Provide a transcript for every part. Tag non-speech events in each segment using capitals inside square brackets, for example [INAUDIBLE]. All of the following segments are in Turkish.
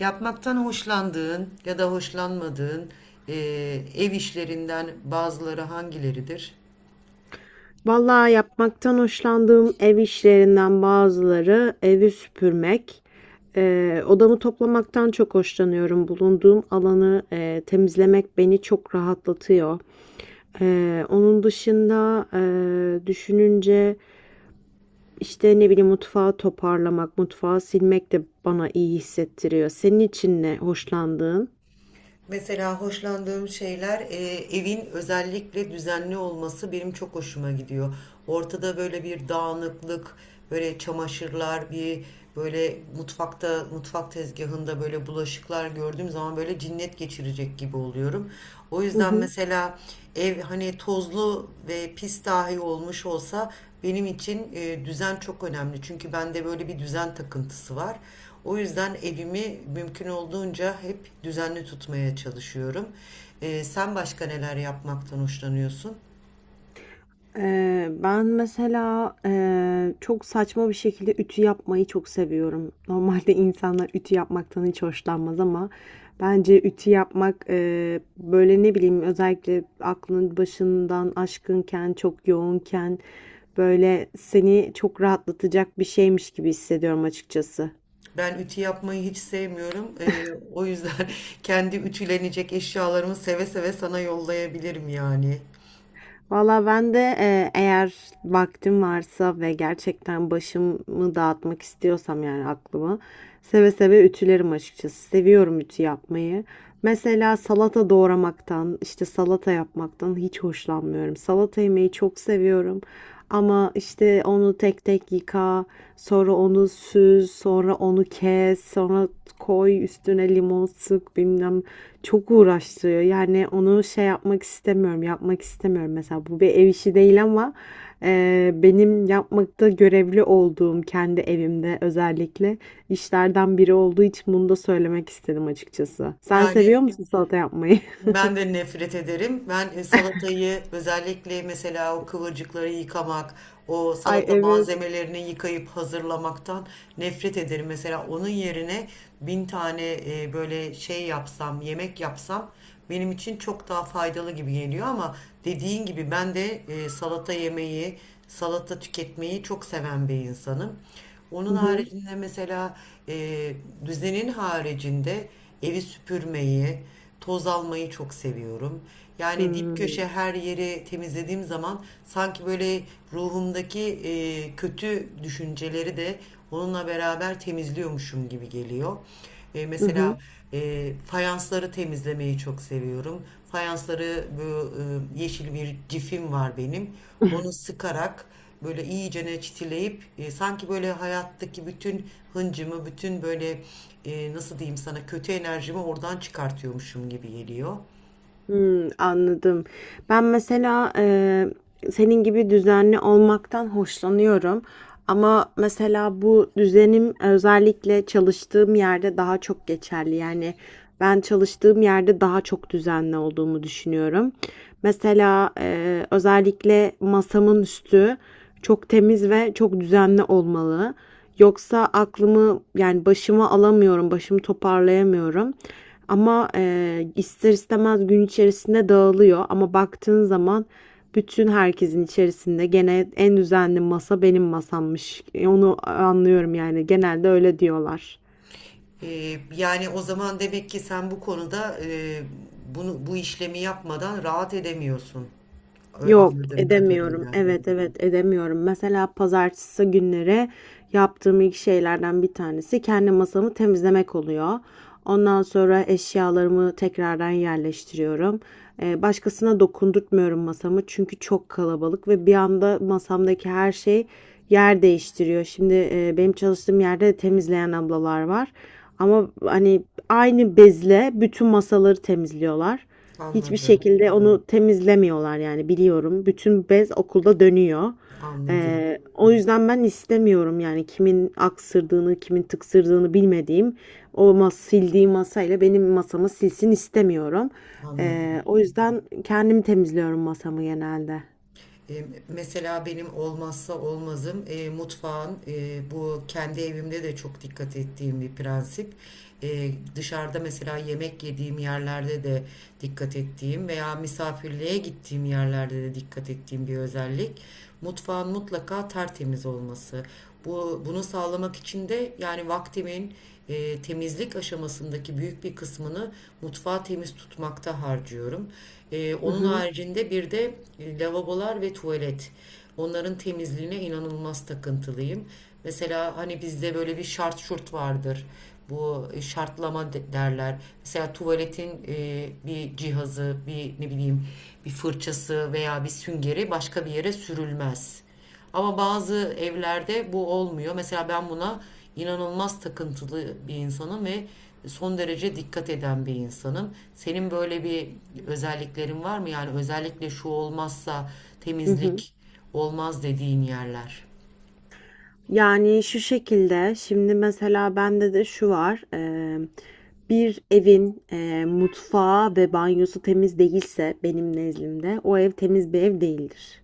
Yapmaktan hoşlandığın ya da hoşlanmadığın e, ev işlerinden bazıları hangileridir? Vallahi yapmaktan hoşlandığım ev işlerinden bazıları evi süpürmek, odamı toplamaktan çok hoşlanıyorum. Bulunduğum alanı temizlemek beni çok rahatlatıyor. Onun dışında düşününce işte ne bileyim mutfağı toparlamak, mutfağı silmek de bana iyi hissettiriyor. Senin için ne hoşlandığın? Mesela hoşlandığım şeyler, evin özellikle düzenli olması benim çok hoşuma gidiyor. Ortada böyle bir dağınıklık, böyle çamaşırlar, bir böyle mutfakta, mutfak tezgahında böyle bulaşıklar gördüğüm zaman böyle cinnet geçirecek gibi oluyorum. O Hı yüzden hı. mesela ev hani tozlu ve pis dahi olmuş olsa benim için düzen çok önemli. Çünkü bende böyle bir düzen takıntısı var. O yüzden evimi mümkün olduğunca hep düzenli tutmaya çalışıyorum. Sen başka neler yapmaktan hoşlanıyorsun? Ben mesela, çok saçma bir şekilde ütü yapmayı çok seviyorum. Normalde insanlar ütü yapmaktan hiç hoşlanmaz ama bence ütü yapmak, böyle, ne bileyim, özellikle aklın başından aşkınken, çok yoğunken, böyle, seni çok rahatlatacak bir şeymiş gibi hissediyorum açıkçası. Ben ütü yapmayı hiç sevmiyorum. O yüzden [LAUGHS] kendi ütülenecek eşyalarımı seve seve sana yollayabilirim yani. Valla ben de eğer vaktim varsa ve gerçekten başımı dağıtmak istiyorsam yani aklımı seve seve ütülerim açıkçası. Seviyorum ütü yapmayı. Mesela salata doğramaktan, işte salata yapmaktan hiç hoşlanmıyorum. Salata yemeyi çok seviyorum. Ama işte onu tek tek yıka, sonra onu süz, sonra onu kes, sonra koy üstüne limon sık bilmem çok uğraştırıyor. Yani onu şey yapmak istemiyorum, yapmak istemiyorum. Mesela bu bir ev işi değil ama benim yapmakta görevli olduğum kendi evimde özellikle işlerden biri olduğu için bunu da söylemek istedim açıkçası. Sen Yani seviyor musun salata yapmayı? ben de nefret ederim. Ben salatayı özellikle mesela o kıvırcıkları yıkamak, o [LAUGHS] Ay salata evet. malzemelerini yıkayıp hazırlamaktan nefret ederim. Mesela onun yerine bin tane böyle şey yapsam, yemek yapsam benim için çok daha faydalı gibi geliyor ama dediğin gibi ben de salata yemeyi, salata tüketmeyi çok seven bir insanım. Onun Hı hı. haricinde mesela, e, düzenin haricinde evi süpürmeyi, toz almayı çok seviyorum. Yani dip köşe Hı. her yeri temizlediğim zaman sanki böyle ruhumdaki kötü düşünceleri de onunla beraber temizliyormuşum gibi geliyor. E, Hı hı. mesela fayansları temizlemeyi çok seviyorum. Fayansları bu, yeşil bir cifim var benim. Onu sıkarak böyle iyicene çitileyip, sanki böyle hayattaki bütün hıncımı, bütün böyle, nasıl diyeyim sana, kötü enerjimi oradan çıkartıyormuşum gibi geliyor. Hmm, anladım. Ben mesela senin gibi düzenli olmaktan hoşlanıyorum. Ama mesela bu düzenim özellikle çalıştığım yerde daha çok geçerli. Yani ben çalıştığım yerde daha çok düzenli olduğumu düşünüyorum. Mesela özellikle masamın üstü çok temiz ve çok düzenli olmalı. Yoksa aklımı yani başıma alamıyorum, başımı toparlayamıyorum. Ama ister istemez gün içerisinde dağılıyor ama baktığın zaman bütün herkesin içerisinde gene en düzenli masa benim masammış. Onu anlıyorum yani genelde öyle diyorlar. E, yani o zaman demek ki sen bu konuda, bu işlemi yapmadan rahat edemiyorsun. Yok Anladığım edemiyorum. kadarıyla. Evet, evet, edemiyorum. Mesela pazartesi günleri yaptığım ilk şeylerden bir tanesi kendi masamı temizlemek oluyor. Ondan sonra eşyalarımı tekrardan yerleştiriyorum. Başkasına dokundurtmuyorum masamı çünkü çok kalabalık ve bir anda masamdaki her şey yer değiştiriyor. Şimdi benim çalıştığım yerde de temizleyen ablalar var. Ama hani aynı bezle bütün masaları temizliyorlar. Hiçbir Anladım. şekilde onu temizlemiyorlar yani biliyorum. Bütün bez okulda dönüyor. Anladım. O yüzden ben istemiyorum yani kimin aksırdığını, kimin tıksırdığını bilmediğim o sildiği masayla benim masamı silsin istemiyorum. Anladım. O yüzden kendim temizliyorum masamı genelde. Mesela benim olmazsa olmazım, mutfağın, bu kendi evimde de çok dikkat ettiğim bir prensip. E, Dışarıda mesela yemek yediğim yerlerde de dikkat ettiğim veya misafirliğe gittiğim yerlerde de dikkat ettiğim bir özellik: mutfağın mutlaka tertemiz olması. Bunu sağlamak için de yani vaktimin, temizlik aşamasındaki büyük bir kısmını mutfağı temiz tutmakta harcıyorum. E, Hı onun hı, haricinde bir de lavabolar ve tuvalet. Onların temizliğine inanılmaz takıntılıyım. Mesela hani bizde böyle bir şart şurt vardır. Bu, şartlama derler. Mesela tuvaletin, bir cihazı, bir ne bileyim bir fırçası veya bir süngeri başka bir yere sürülmez. Ama bazı evlerde bu olmuyor. Mesela ben buna inanılmaz takıntılı bir insanım ve son derece dikkat eden bir insanım. Senin böyle bir özelliklerin var mı? Yani özellikle şu olmazsa hı hı. temizlik olmaz dediğin yerler. Yani şu şekilde şimdi mesela bende de şu var. Bir evin mutfağı ve banyosu temiz değilse benim nezdimde o ev temiz bir ev değildir.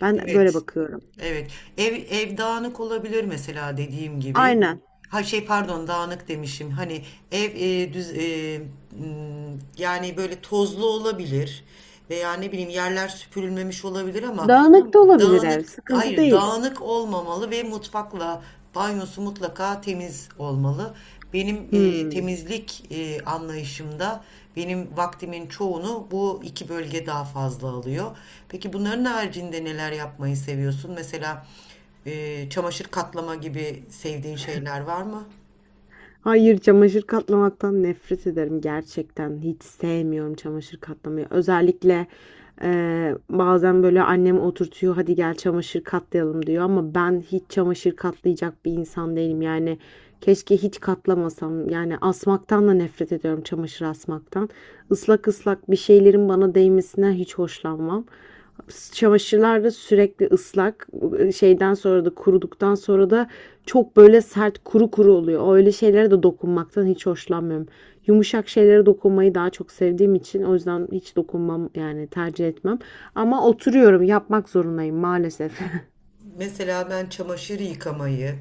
Ben böyle Evet. bakıyorum. Evet. Ev, ev dağınık olabilir mesela dediğim gibi. Aynen. Ha şey pardon, dağınık demişim. Hani ev, yani böyle tozlu olabilir veya ne bileyim yerler süpürülmemiş olabilir ama Dağınık da olabilir ev, dağınık, sıkıntı hayır değil. dağınık olmamalı ve mutfakla banyosu mutlaka temiz olmalı. Benim Hmm. temizlik anlayışımda benim vaktimin çoğunu bu iki bölge daha fazla alıyor. Peki bunların haricinde neler yapmayı seviyorsun? Mesela çamaşır katlama gibi sevdiğin şeyler var mı? Hayır, çamaşır katlamaktan nefret ederim gerçekten. Hiç sevmiyorum çamaşır katlamayı. Özellikle bazen böyle annem oturtuyor, hadi gel çamaşır katlayalım diyor ama ben hiç çamaşır katlayacak bir insan değilim. Yani keşke hiç katlamasam. Yani asmaktan da nefret ediyorum çamaşır asmaktan. Islak ıslak bir şeylerin bana değmesinden hiç hoşlanmam. Çamaşırlar da sürekli ıslak. Şeyden sonra da kuruduktan sonra da çok böyle sert kuru kuru oluyor. Öyle şeylere de dokunmaktan hiç hoşlanmıyorum. Yumuşak şeylere dokunmayı daha çok sevdiğim için o yüzden hiç dokunmam yani tercih etmem. Ama oturuyorum yapmak zorundayım maalesef. [LAUGHS] Mesela ben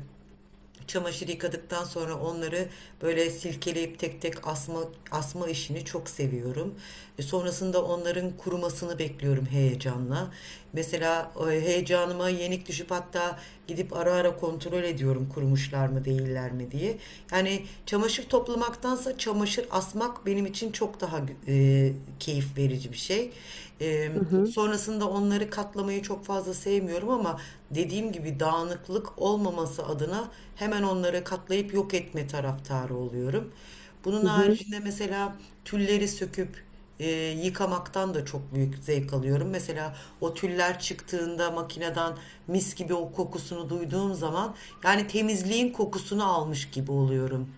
çamaşır yıkadıktan sonra onları böyle silkeleyip tek tek asma işini çok seviyorum. E, sonrasında onların kurumasını bekliyorum heyecanla. Mesela heyecanıma yenik düşüp hatta gidip ara ara kontrol ediyorum kurumuşlar mı değiller mi diye. Yani çamaşır toplamaktansa çamaşır asmak benim için çok daha, e, keyif verici bir şey. E, Hı evet. hı. Sonrasında onları katlamayı çok fazla sevmiyorum ama dediğim gibi dağınıklık olmaması adına hemen onları katlayıp yok etme taraftarı oluyorum. Bunun Hı hı. haricinde mesela tülleri söküp, e, yıkamaktan da çok büyük zevk alıyorum. Mesela o tüller çıktığında makineden mis gibi o kokusunu duyduğum zaman yani temizliğin kokusunu almış gibi oluyorum.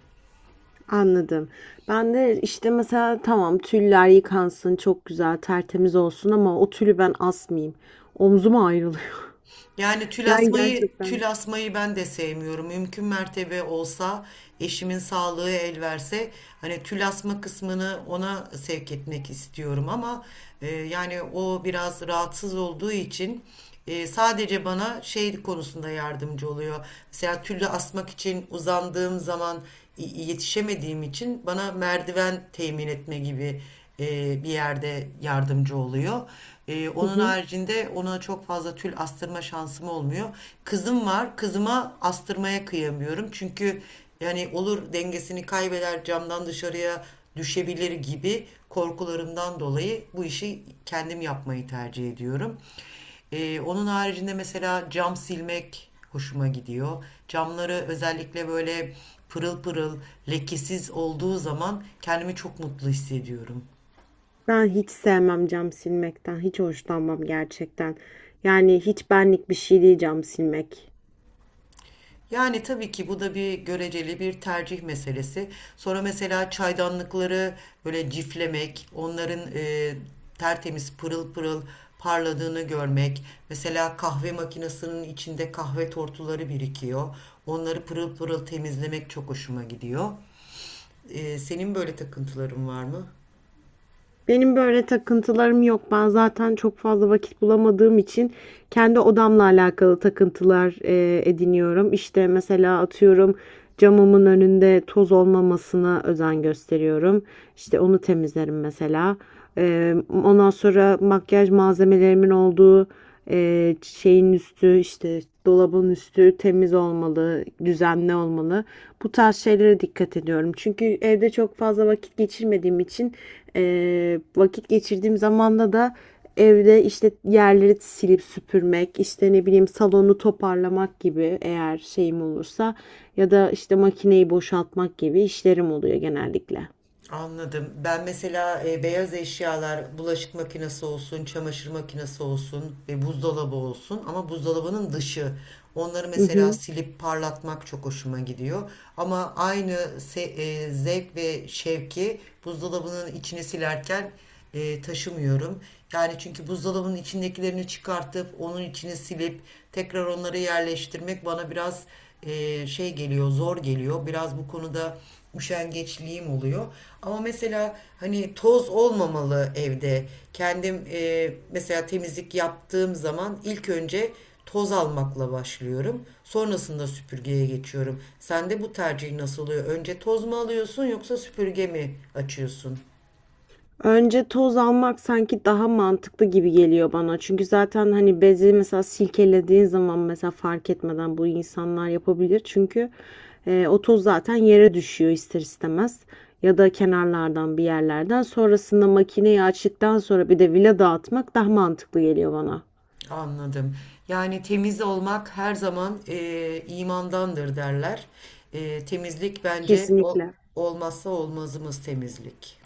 Anladım. Ben de işte mesela tamam tüller yıkansın çok güzel tertemiz olsun ama o tülü ben asmayayım. Omzuma ayrılıyor. Yani [LAUGHS] Yani gerçekten. tül asmayı ben de sevmiyorum. Mümkün mertebe olsa, eşimin sağlığı el verse hani tül asma kısmını ona sevk etmek istiyorum ama yani o biraz rahatsız olduğu için sadece bana şey konusunda yardımcı oluyor. Mesela tülü asmak için uzandığım zaman yetişemediğim için bana merdiven temin etme gibi bir yerde yardımcı oluyor. E, Hı onun hı. haricinde ona çok fazla tül astırma şansım olmuyor. Kızım var. Kızıma astırmaya kıyamıyorum. Çünkü yani olur dengesini kaybeder, camdan dışarıya düşebilir gibi korkularımdan dolayı bu işi kendim yapmayı tercih ediyorum. Onun haricinde mesela cam silmek hoşuma gidiyor. Camları özellikle böyle pırıl pırıl, lekesiz olduğu zaman kendimi çok mutlu hissediyorum. Ben hiç sevmem cam silmekten. Hiç hoşlanmam gerçekten. Yani hiç benlik bir şey değil cam silmek. Yani tabii ki bu da bir göreceli bir tercih meselesi. Sonra mesela çaydanlıkları böyle ciflemek, onların tertemiz pırıl pırıl parladığını görmek. Mesela kahve makinesinin içinde kahve tortuları birikiyor. Onları pırıl pırıl temizlemek çok hoşuma gidiyor. E, senin böyle takıntıların var mı? Benim böyle takıntılarım yok. Ben zaten çok fazla vakit bulamadığım için kendi odamla alakalı takıntılar ediniyorum. İşte mesela atıyorum camımın önünde toz olmamasına özen gösteriyorum. İşte onu temizlerim mesela. E, Ondan sonra makyaj malzemelerimin olduğu şeyin üstü işte dolabın üstü temiz olmalı, düzenli olmalı. Bu tarz şeylere dikkat ediyorum. Çünkü evde çok fazla vakit geçirmediğim için vakit geçirdiğim zamanda da evde işte yerleri silip süpürmek, işte ne bileyim salonu toparlamak gibi eğer şeyim olursa ya da işte makineyi boşaltmak gibi işlerim oluyor genellikle. Anladım. Ben mesela beyaz eşyalar, bulaşık makinesi olsun, çamaşır makinesi olsun ve buzdolabı olsun, ama buzdolabının dışı. Onları Hı mesela hı. silip parlatmak çok hoşuma gidiyor. Ama aynı zevk ve şevki buzdolabının içini silerken taşımıyorum. Yani çünkü buzdolabının içindekilerini çıkartıp onun içini silip tekrar onları yerleştirmek bana biraz zor geliyor. Biraz bu konuda üşengeçliğim oluyor. Ama mesela hani toz olmamalı evde. Kendim, mesela temizlik yaptığım zaman ilk önce toz almakla başlıyorum. Sonrasında süpürgeye geçiyorum. Sende bu tercih nasıl oluyor? Önce toz mu alıyorsun yoksa süpürge mi açıyorsun? Önce toz almak sanki daha mantıklı gibi geliyor bana. Çünkü zaten hani bezi mesela silkelediğin zaman mesela fark etmeden bu insanlar yapabilir. Çünkü o toz zaten yere düşüyor ister istemez. Ya da kenarlardan bir yerlerden. Sonrasında makineyi açtıktan sonra bir de vila dağıtmak daha mantıklı geliyor bana. Anladım. Yani temiz olmak her zaman, imandandır derler. Temizlik bence Kesinlikle. olmazsa olmazımız temizlik.